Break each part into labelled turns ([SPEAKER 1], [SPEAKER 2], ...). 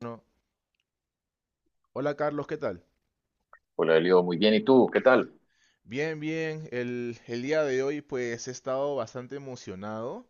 [SPEAKER 1] Bueno, hola Carlos, ¿qué tal?
[SPEAKER 2] Hola, Elio, muy bien. ¿Y tú? ¿Qué tal?
[SPEAKER 1] Bien, bien. El día de hoy pues he estado bastante emocionado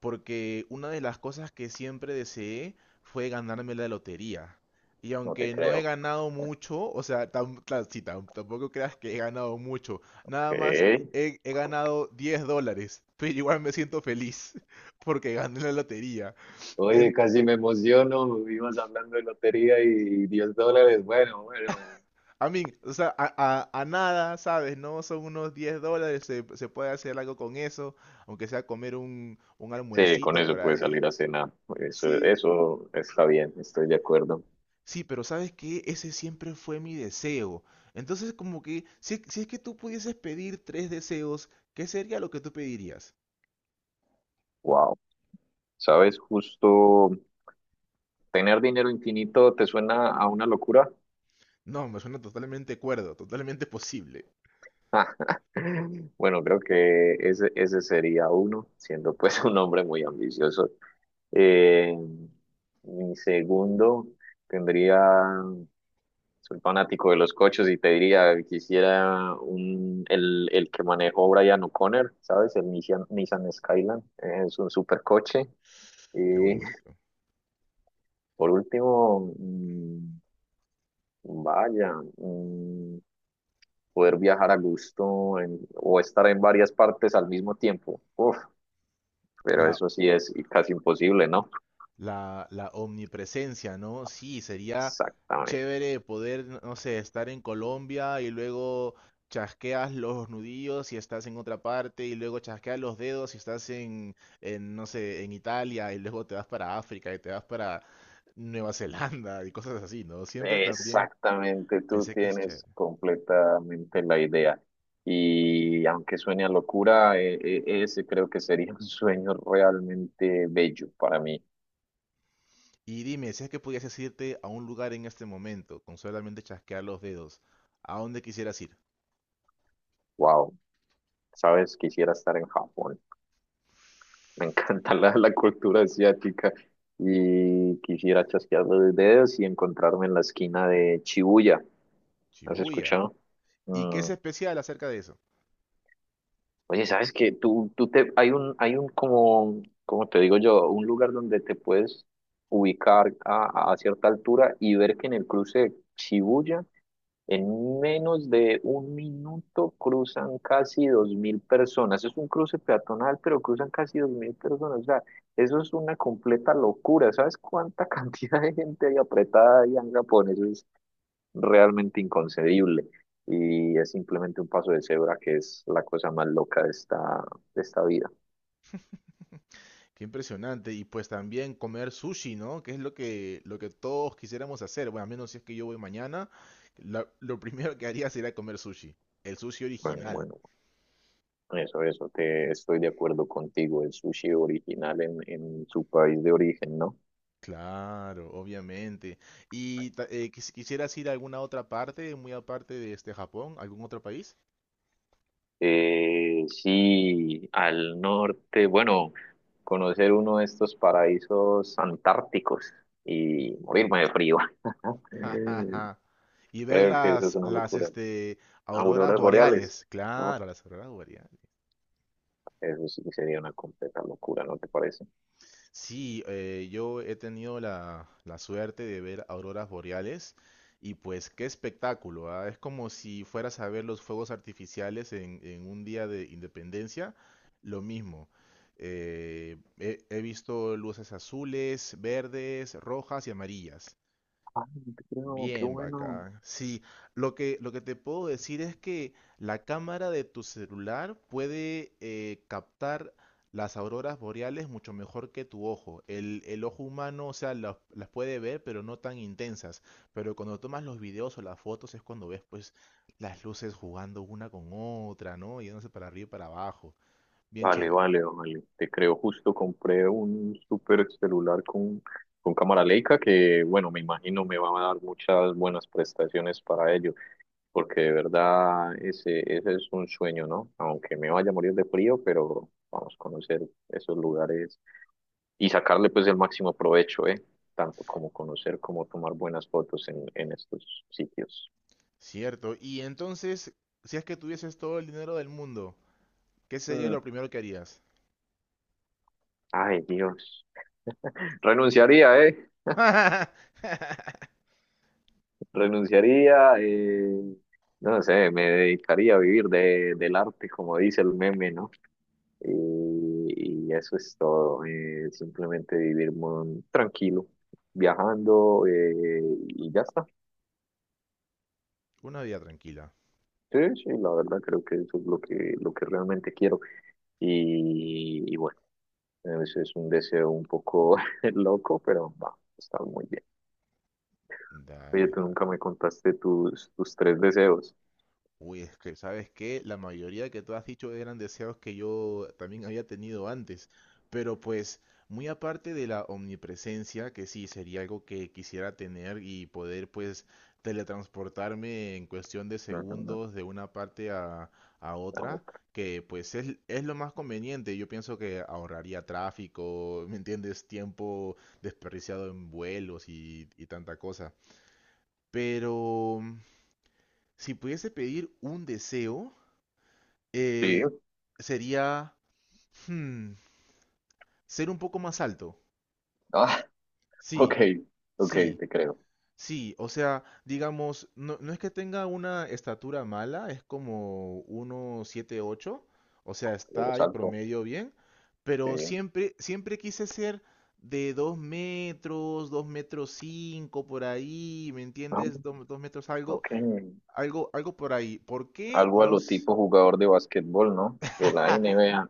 [SPEAKER 1] porque una de las cosas que siempre deseé fue ganarme la lotería. Y
[SPEAKER 2] No te
[SPEAKER 1] aunque no he
[SPEAKER 2] creo.
[SPEAKER 1] ganado mucho, o sea, tampoco creas que he ganado mucho. Nada más
[SPEAKER 2] ¿Qué?
[SPEAKER 1] he ganado $10, pero igual me siento feliz porque gané la lotería.
[SPEAKER 2] Oye, casi me emociono. Ibas hablando de lotería y $10. Bueno, bueno.
[SPEAKER 1] A mí, o sea, a nada, ¿sabes? No son unos $10, se puede hacer algo con eso, aunque sea comer un
[SPEAKER 2] Sí, con
[SPEAKER 1] almuercito por
[SPEAKER 2] eso puedes
[SPEAKER 1] ahí.
[SPEAKER 2] salir a cenar. Eso,
[SPEAKER 1] Sí,
[SPEAKER 2] eso está bien, estoy de acuerdo.
[SPEAKER 1] sí, pero ¿sabes qué? Ese siempre fue mi deseo. Entonces, como que, si es que tú pudieses pedir 3 deseos, ¿qué sería lo que tú pedirías?
[SPEAKER 2] Wow. ¿Sabes? Justo tener dinero infinito te suena a una locura.
[SPEAKER 1] No, me suena totalmente cuerdo, totalmente posible.
[SPEAKER 2] Bueno, creo que ese sería uno, siendo pues un hombre muy ambicioso. Eh, mi segundo tendría. Soy fanático de los coches y te diría, quisiera el que manejó Brian O'Connor, ¿sabes? El Nissan Skyline. Es un supercoche.
[SPEAKER 1] Qué
[SPEAKER 2] Y
[SPEAKER 1] bonito.
[SPEAKER 2] por último, vaya, poder viajar a gusto o estar en varias partes al mismo tiempo. Uf, pero
[SPEAKER 1] La
[SPEAKER 2] eso sí es casi imposible, ¿no?
[SPEAKER 1] la omnipresencia, ¿no? Sí, sería
[SPEAKER 2] Exactamente.
[SPEAKER 1] chévere poder, no sé, estar en Colombia y luego chasqueas los nudillos y estás en otra parte y luego chasqueas los dedos y estás en, no sé, en Italia y luego te vas para África y te vas para Nueva Zelanda y cosas así, ¿no? Siempre también
[SPEAKER 2] Exactamente, tú
[SPEAKER 1] pensé que es
[SPEAKER 2] tienes
[SPEAKER 1] chévere.
[SPEAKER 2] completamente la idea. Y aunque suene a locura, ese creo que sería un sueño realmente bello para mí.
[SPEAKER 1] Y dime, si es que pudieses irte a un lugar en este momento con solamente chasquear los dedos, ¿a dónde quisieras ir?
[SPEAKER 2] Wow, sabes, quisiera estar en Japón. Me encanta la cultura asiática y quisiera chasquear los dedos y encontrarme en la esquina de Shibuya. ¿Has
[SPEAKER 1] Shibuya.
[SPEAKER 2] escuchado?
[SPEAKER 1] ¿Y qué
[SPEAKER 2] Mm,
[SPEAKER 1] es especial acerca de eso?
[SPEAKER 2] Oye, ¿sabes qué? Hay un como te digo yo, un lugar donde te puedes ubicar a cierta altura y ver que en el cruce de Shibuya, en menos de un minuto cruzan casi 2.000 personas. Es un cruce peatonal, pero cruzan casi 2.000 personas. O sea, eso es una completa locura. ¿Sabes cuánta cantidad de gente hay apretada ahí en Japón? Eso realmente inconcebible y es simplemente un paso de cebra que es la cosa más loca de esta vida.
[SPEAKER 1] Qué impresionante. Y pues también comer sushi, ¿no? Que es lo que todos quisiéramos hacer. Bueno, a menos si es que yo voy mañana, lo primero que haría sería comer sushi. El sushi
[SPEAKER 2] Bueno,
[SPEAKER 1] original.
[SPEAKER 2] bueno, eso, te estoy de acuerdo contigo, el sushi original en su país de origen, ¿no?
[SPEAKER 1] Claro, obviamente. ¿ quisieras ir a alguna otra parte, muy aparte de este Japón, ¿algún otro país?
[SPEAKER 2] Sí, al norte, bueno, conocer uno de estos paraísos antárticos y morirme de frío.
[SPEAKER 1] Ja, ja, ja. Y ver
[SPEAKER 2] Creo que eso es
[SPEAKER 1] las,
[SPEAKER 2] una
[SPEAKER 1] las
[SPEAKER 2] locura.
[SPEAKER 1] este, auroras
[SPEAKER 2] Auroras boreales,
[SPEAKER 1] boreales.
[SPEAKER 2] ¿no?
[SPEAKER 1] Claro, las auroras boreales.
[SPEAKER 2] Eso sí que sería una completa locura, ¿no te parece?
[SPEAKER 1] Sí, yo he tenido la suerte de ver auroras boreales y pues qué espectáculo, ¿ah? Es como si fueras a ver los fuegos artificiales en un día de independencia, lo mismo. He visto luces azules, verdes, rojas y amarillas.
[SPEAKER 2] Ah, no te creo, qué
[SPEAKER 1] Bien,
[SPEAKER 2] bueno.
[SPEAKER 1] bacán. Sí, lo que te puedo decir es que la cámara de tu celular puede captar las auroras boreales mucho mejor que tu ojo. El ojo humano, o sea, las puede ver, pero no tan intensas. Pero cuando tomas los videos o las fotos es cuando ves, pues, las luces jugando una con otra, ¿no? Yéndose para arriba y para abajo. Bien
[SPEAKER 2] Vale,
[SPEAKER 1] chévere.
[SPEAKER 2] vale, vale. Te creo, justo compré un super celular con cámara Leica que, bueno, me imagino me va a dar muchas buenas prestaciones para ello, porque de verdad ese es un sueño, ¿no? Aunque me vaya a morir de frío, pero vamos a conocer esos lugares y sacarle pues el máximo provecho, ¿eh? Tanto como conocer como tomar buenas fotos en estos sitios.
[SPEAKER 1] Cierto. Y entonces, si es que tuvieses todo el dinero del mundo, ¿qué sería
[SPEAKER 2] Mm.
[SPEAKER 1] lo primero que harías?
[SPEAKER 2] Ay, Dios. Renunciaría, ¿eh? Renunciaría, no sé, me dedicaría a vivir del arte, como dice el meme, ¿no? Y eso es todo, simplemente vivir tranquilo, viajando y ya está.
[SPEAKER 1] Una vida tranquila.
[SPEAKER 2] Sí, sí, la verdad creo que eso es lo que realmente quiero. Y bueno, eso es un deseo un poco loco, pero va, está muy bien. Oye,
[SPEAKER 1] Dale,
[SPEAKER 2] tú nunca
[SPEAKER 1] dale.
[SPEAKER 2] me contaste tus tres deseos.
[SPEAKER 1] Uy, es que, ¿sabes qué? La mayoría que tú has dicho eran deseos que yo también había tenido antes. Pero pues, muy aparte de la omnipresencia, que sí sería algo que quisiera tener y poder pues teletransportarme en cuestión de
[SPEAKER 2] Ujú,
[SPEAKER 1] segundos de una parte a
[SPEAKER 2] la
[SPEAKER 1] otra,
[SPEAKER 2] otra.
[SPEAKER 1] que pues es lo más conveniente. Yo pienso que ahorraría tráfico, ¿me entiendes? Tiempo desperdiciado en vuelos y tanta cosa. Pero si pudiese pedir un deseo,
[SPEAKER 2] Sí.
[SPEAKER 1] eh, sería hmm, ser un poco más alto.
[SPEAKER 2] Ah, ok,
[SPEAKER 1] Sí,
[SPEAKER 2] ok,
[SPEAKER 1] sí,
[SPEAKER 2] te creo.
[SPEAKER 1] sí. O sea, digamos, no, no es que tenga una estatura mala, es como 1,78. O sea,
[SPEAKER 2] Lo de
[SPEAKER 1] está ahí
[SPEAKER 2] salto,
[SPEAKER 1] promedio bien. Pero
[SPEAKER 2] sí.
[SPEAKER 1] siempre, siempre quise ser de 2 metros, 2 metros 5 por ahí, ¿me
[SPEAKER 2] Ah,
[SPEAKER 1] entiendes? 2 metros algo,
[SPEAKER 2] ok,
[SPEAKER 1] algo, algo por ahí. ¿Por qué?
[SPEAKER 2] algo a
[SPEAKER 1] No
[SPEAKER 2] lo
[SPEAKER 1] sé.
[SPEAKER 2] tipo jugador de básquetbol, ¿no? De la NBA.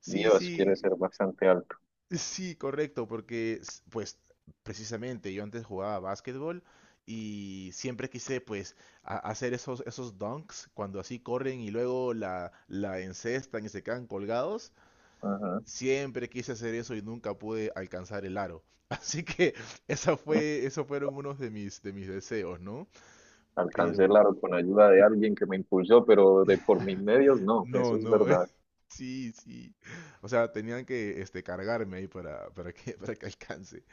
[SPEAKER 1] Sí,
[SPEAKER 2] Dios, quiere
[SPEAKER 1] sí.
[SPEAKER 2] ser bastante alto.
[SPEAKER 1] Sí, correcto, porque pues precisamente yo antes jugaba básquetbol y siempre quise pues hacer esos, esos dunks cuando así corren y luego la encestan y se quedan colgados.
[SPEAKER 2] Ajá.
[SPEAKER 1] Siempre quise hacer eso y nunca pude alcanzar el aro. Así que esos fueron unos de mis deseos, ¿no?
[SPEAKER 2] Alcancé el
[SPEAKER 1] Pero...
[SPEAKER 2] aro con ayuda de alguien que me impulsó, pero de por mis medios no,
[SPEAKER 1] No,
[SPEAKER 2] eso es
[SPEAKER 1] no,
[SPEAKER 2] verdad.
[SPEAKER 1] sí, sí. O sea, tenían que este, cargarme ahí para que, para que alcance.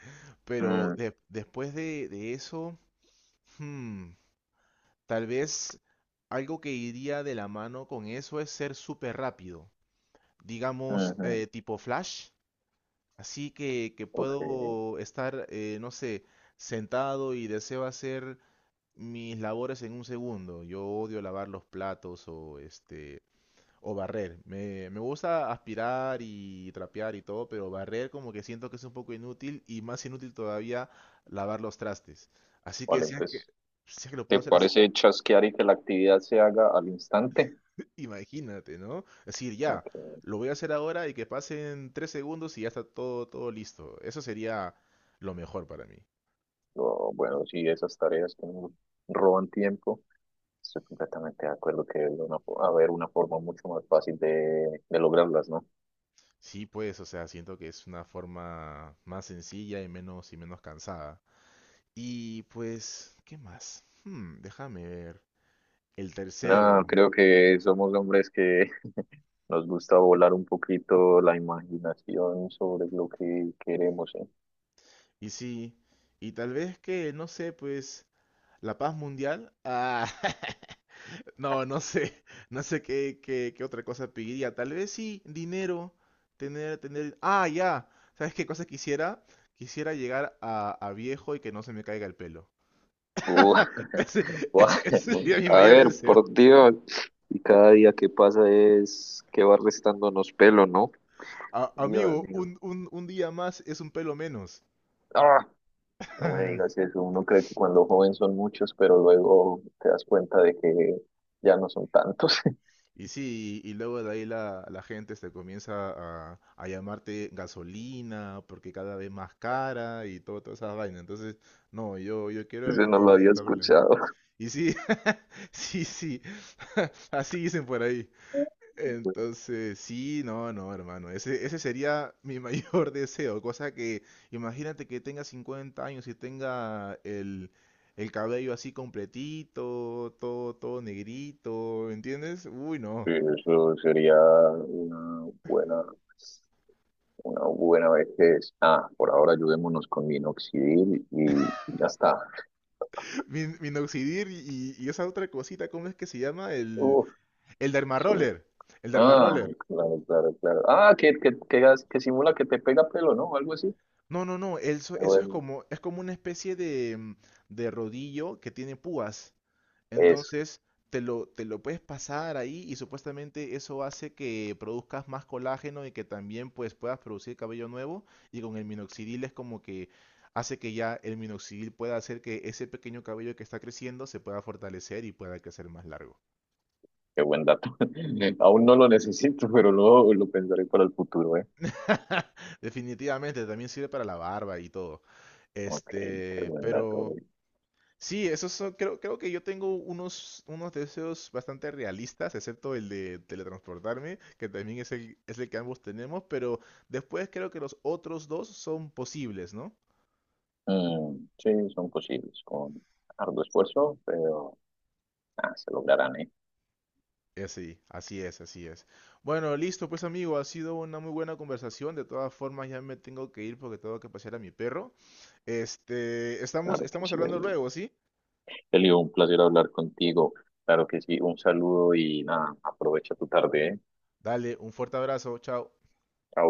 [SPEAKER 1] Pero
[SPEAKER 2] Mm,
[SPEAKER 1] después de eso, hmm, tal vez algo que iría de la mano con eso es ser súper rápido. Digamos,
[SPEAKER 2] ujú.
[SPEAKER 1] tipo Flash. Así que
[SPEAKER 2] Ok,
[SPEAKER 1] puedo estar, no sé, sentado y deseo hacer mis labores en un segundo. Yo odio lavar los platos o este, o barrer. Me gusta aspirar y trapear y todo, pero barrer como que siento que es un poco inútil y más inútil todavía lavar los trastes. Así que
[SPEAKER 2] vale, entonces,
[SPEAKER 1] si es que lo puedo
[SPEAKER 2] ¿te
[SPEAKER 1] hacer así,
[SPEAKER 2] parece chasquear y que la actividad se haga al instante?
[SPEAKER 1] imagínate, ¿no? Es decir, ya,
[SPEAKER 2] Ok,
[SPEAKER 1] lo voy a hacer ahora y que pasen 3 segundos y ya está todo, todo listo. Eso sería lo mejor para mí.
[SPEAKER 2] bueno, sí, esas tareas que nos roban tiempo. Estoy completamente de acuerdo que debe una haber una forma mucho más fácil de lograrlas, ¿no?
[SPEAKER 1] Sí, pues, o sea, siento que es una forma más sencilla y menos cansada. Y pues, ¿qué más? Hmm, déjame ver. El
[SPEAKER 2] No,
[SPEAKER 1] tercero.
[SPEAKER 2] creo que somos hombres que nos gusta volar un poquito la imaginación sobre lo que queremos, ¿eh?
[SPEAKER 1] Y sí, y tal vez que, no sé, pues, la paz mundial. Ah, no, no sé, no sé qué, qué, qué otra cosa pediría. Tal vez sí, dinero, tener... Ah, ya, ¿sabes qué cosa quisiera? Quisiera llegar a viejo y que no se me caiga el pelo.
[SPEAKER 2] Uh,
[SPEAKER 1] Ese,
[SPEAKER 2] guau.
[SPEAKER 1] ese sería mi
[SPEAKER 2] A
[SPEAKER 1] mayor
[SPEAKER 2] ver,
[SPEAKER 1] deseo.
[SPEAKER 2] por Dios. Y cada día que pasa es que va restándonos pelo, ¿no? Dios
[SPEAKER 1] Amigo,
[SPEAKER 2] mío.
[SPEAKER 1] un día más es un pelo menos.
[SPEAKER 2] ¡Ah! No me digas eso. Uno cree que cuando joven son muchos, pero luego te das cuenta de que ya no son tantos.
[SPEAKER 1] Y sí, y luego de ahí la gente se comienza a llamarte gasolina porque cada vez más cara y todo, toda esa vaina. Entonces, no, yo
[SPEAKER 2] Eso
[SPEAKER 1] quiero
[SPEAKER 2] no lo había
[SPEAKER 1] evitar problemas.
[SPEAKER 2] escuchado.
[SPEAKER 1] Y sí, sí, sí, así dicen por ahí.
[SPEAKER 2] Pues,
[SPEAKER 1] Entonces, sí, no, no, hermano, ese sería mi mayor deseo. Cosa que, imagínate que tenga 50 años y tenga el cabello así completito, todo, todo negrito, ¿entiendes? Uy, no.
[SPEAKER 2] sí, eso sería una buena vejez. Ah, por ahora ayudémonos con minoxidil y ya está.
[SPEAKER 1] Minoxidil y esa otra cosita, ¿cómo es que se llama? El,
[SPEAKER 2] Uf,
[SPEAKER 1] el derma
[SPEAKER 2] eso-
[SPEAKER 1] roller. El derma
[SPEAKER 2] Ah,
[SPEAKER 1] roller.
[SPEAKER 2] claro, claro, claro. Ah, que que simula que te pega pelo, ¿no? Algo así.
[SPEAKER 1] No, no, no. Eso,
[SPEAKER 2] Pero
[SPEAKER 1] eso
[SPEAKER 2] bueno,
[SPEAKER 1] es como una especie de, de rodillo que tiene púas.
[SPEAKER 2] eso,
[SPEAKER 1] Entonces, te lo puedes pasar ahí y supuestamente eso hace que produzcas más colágeno y que también pues puedas producir cabello nuevo. Y con el minoxidil es como que hace que ya el minoxidil pueda hacer que ese pequeño cabello que está creciendo se pueda fortalecer y pueda crecer más largo.
[SPEAKER 2] qué buen dato. Aún no lo necesito, pero luego lo pensaré para el futuro, ¿eh?
[SPEAKER 1] Definitivamente, también sirve para la barba y todo.
[SPEAKER 2] Ok, qué
[SPEAKER 1] Este,
[SPEAKER 2] buen dato.
[SPEAKER 1] pero sí, esos son, creo, creo que yo tengo unos, unos deseos bastante realistas, excepto el de teletransportarme, que también es el que ambos tenemos, pero después creo que los otros dos son posibles, ¿no?
[SPEAKER 2] Mm, sí, son posibles con arduo esfuerzo, pero ah, se lograrán, ¿eh?
[SPEAKER 1] Sí, así es, así es. Bueno, listo, pues amigo, ha sido una muy buena conversación. De todas formas, ya me tengo que ir porque tengo que pasear a mi perro. Este, estamos,
[SPEAKER 2] Claro que
[SPEAKER 1] estamos
[SPEAKER 2] sí,
[SPEAKER 1] hablando luego, ¿sí?
[SPEAKER 2] Elio, un placer hablar contigo. Claro que sí, un saludo y nada, aprovecha tu tarde, ¿eh?
[SPEAKER 1] Dale, un fuerte abrazo, chao.
[SPEAKER 2] Chao.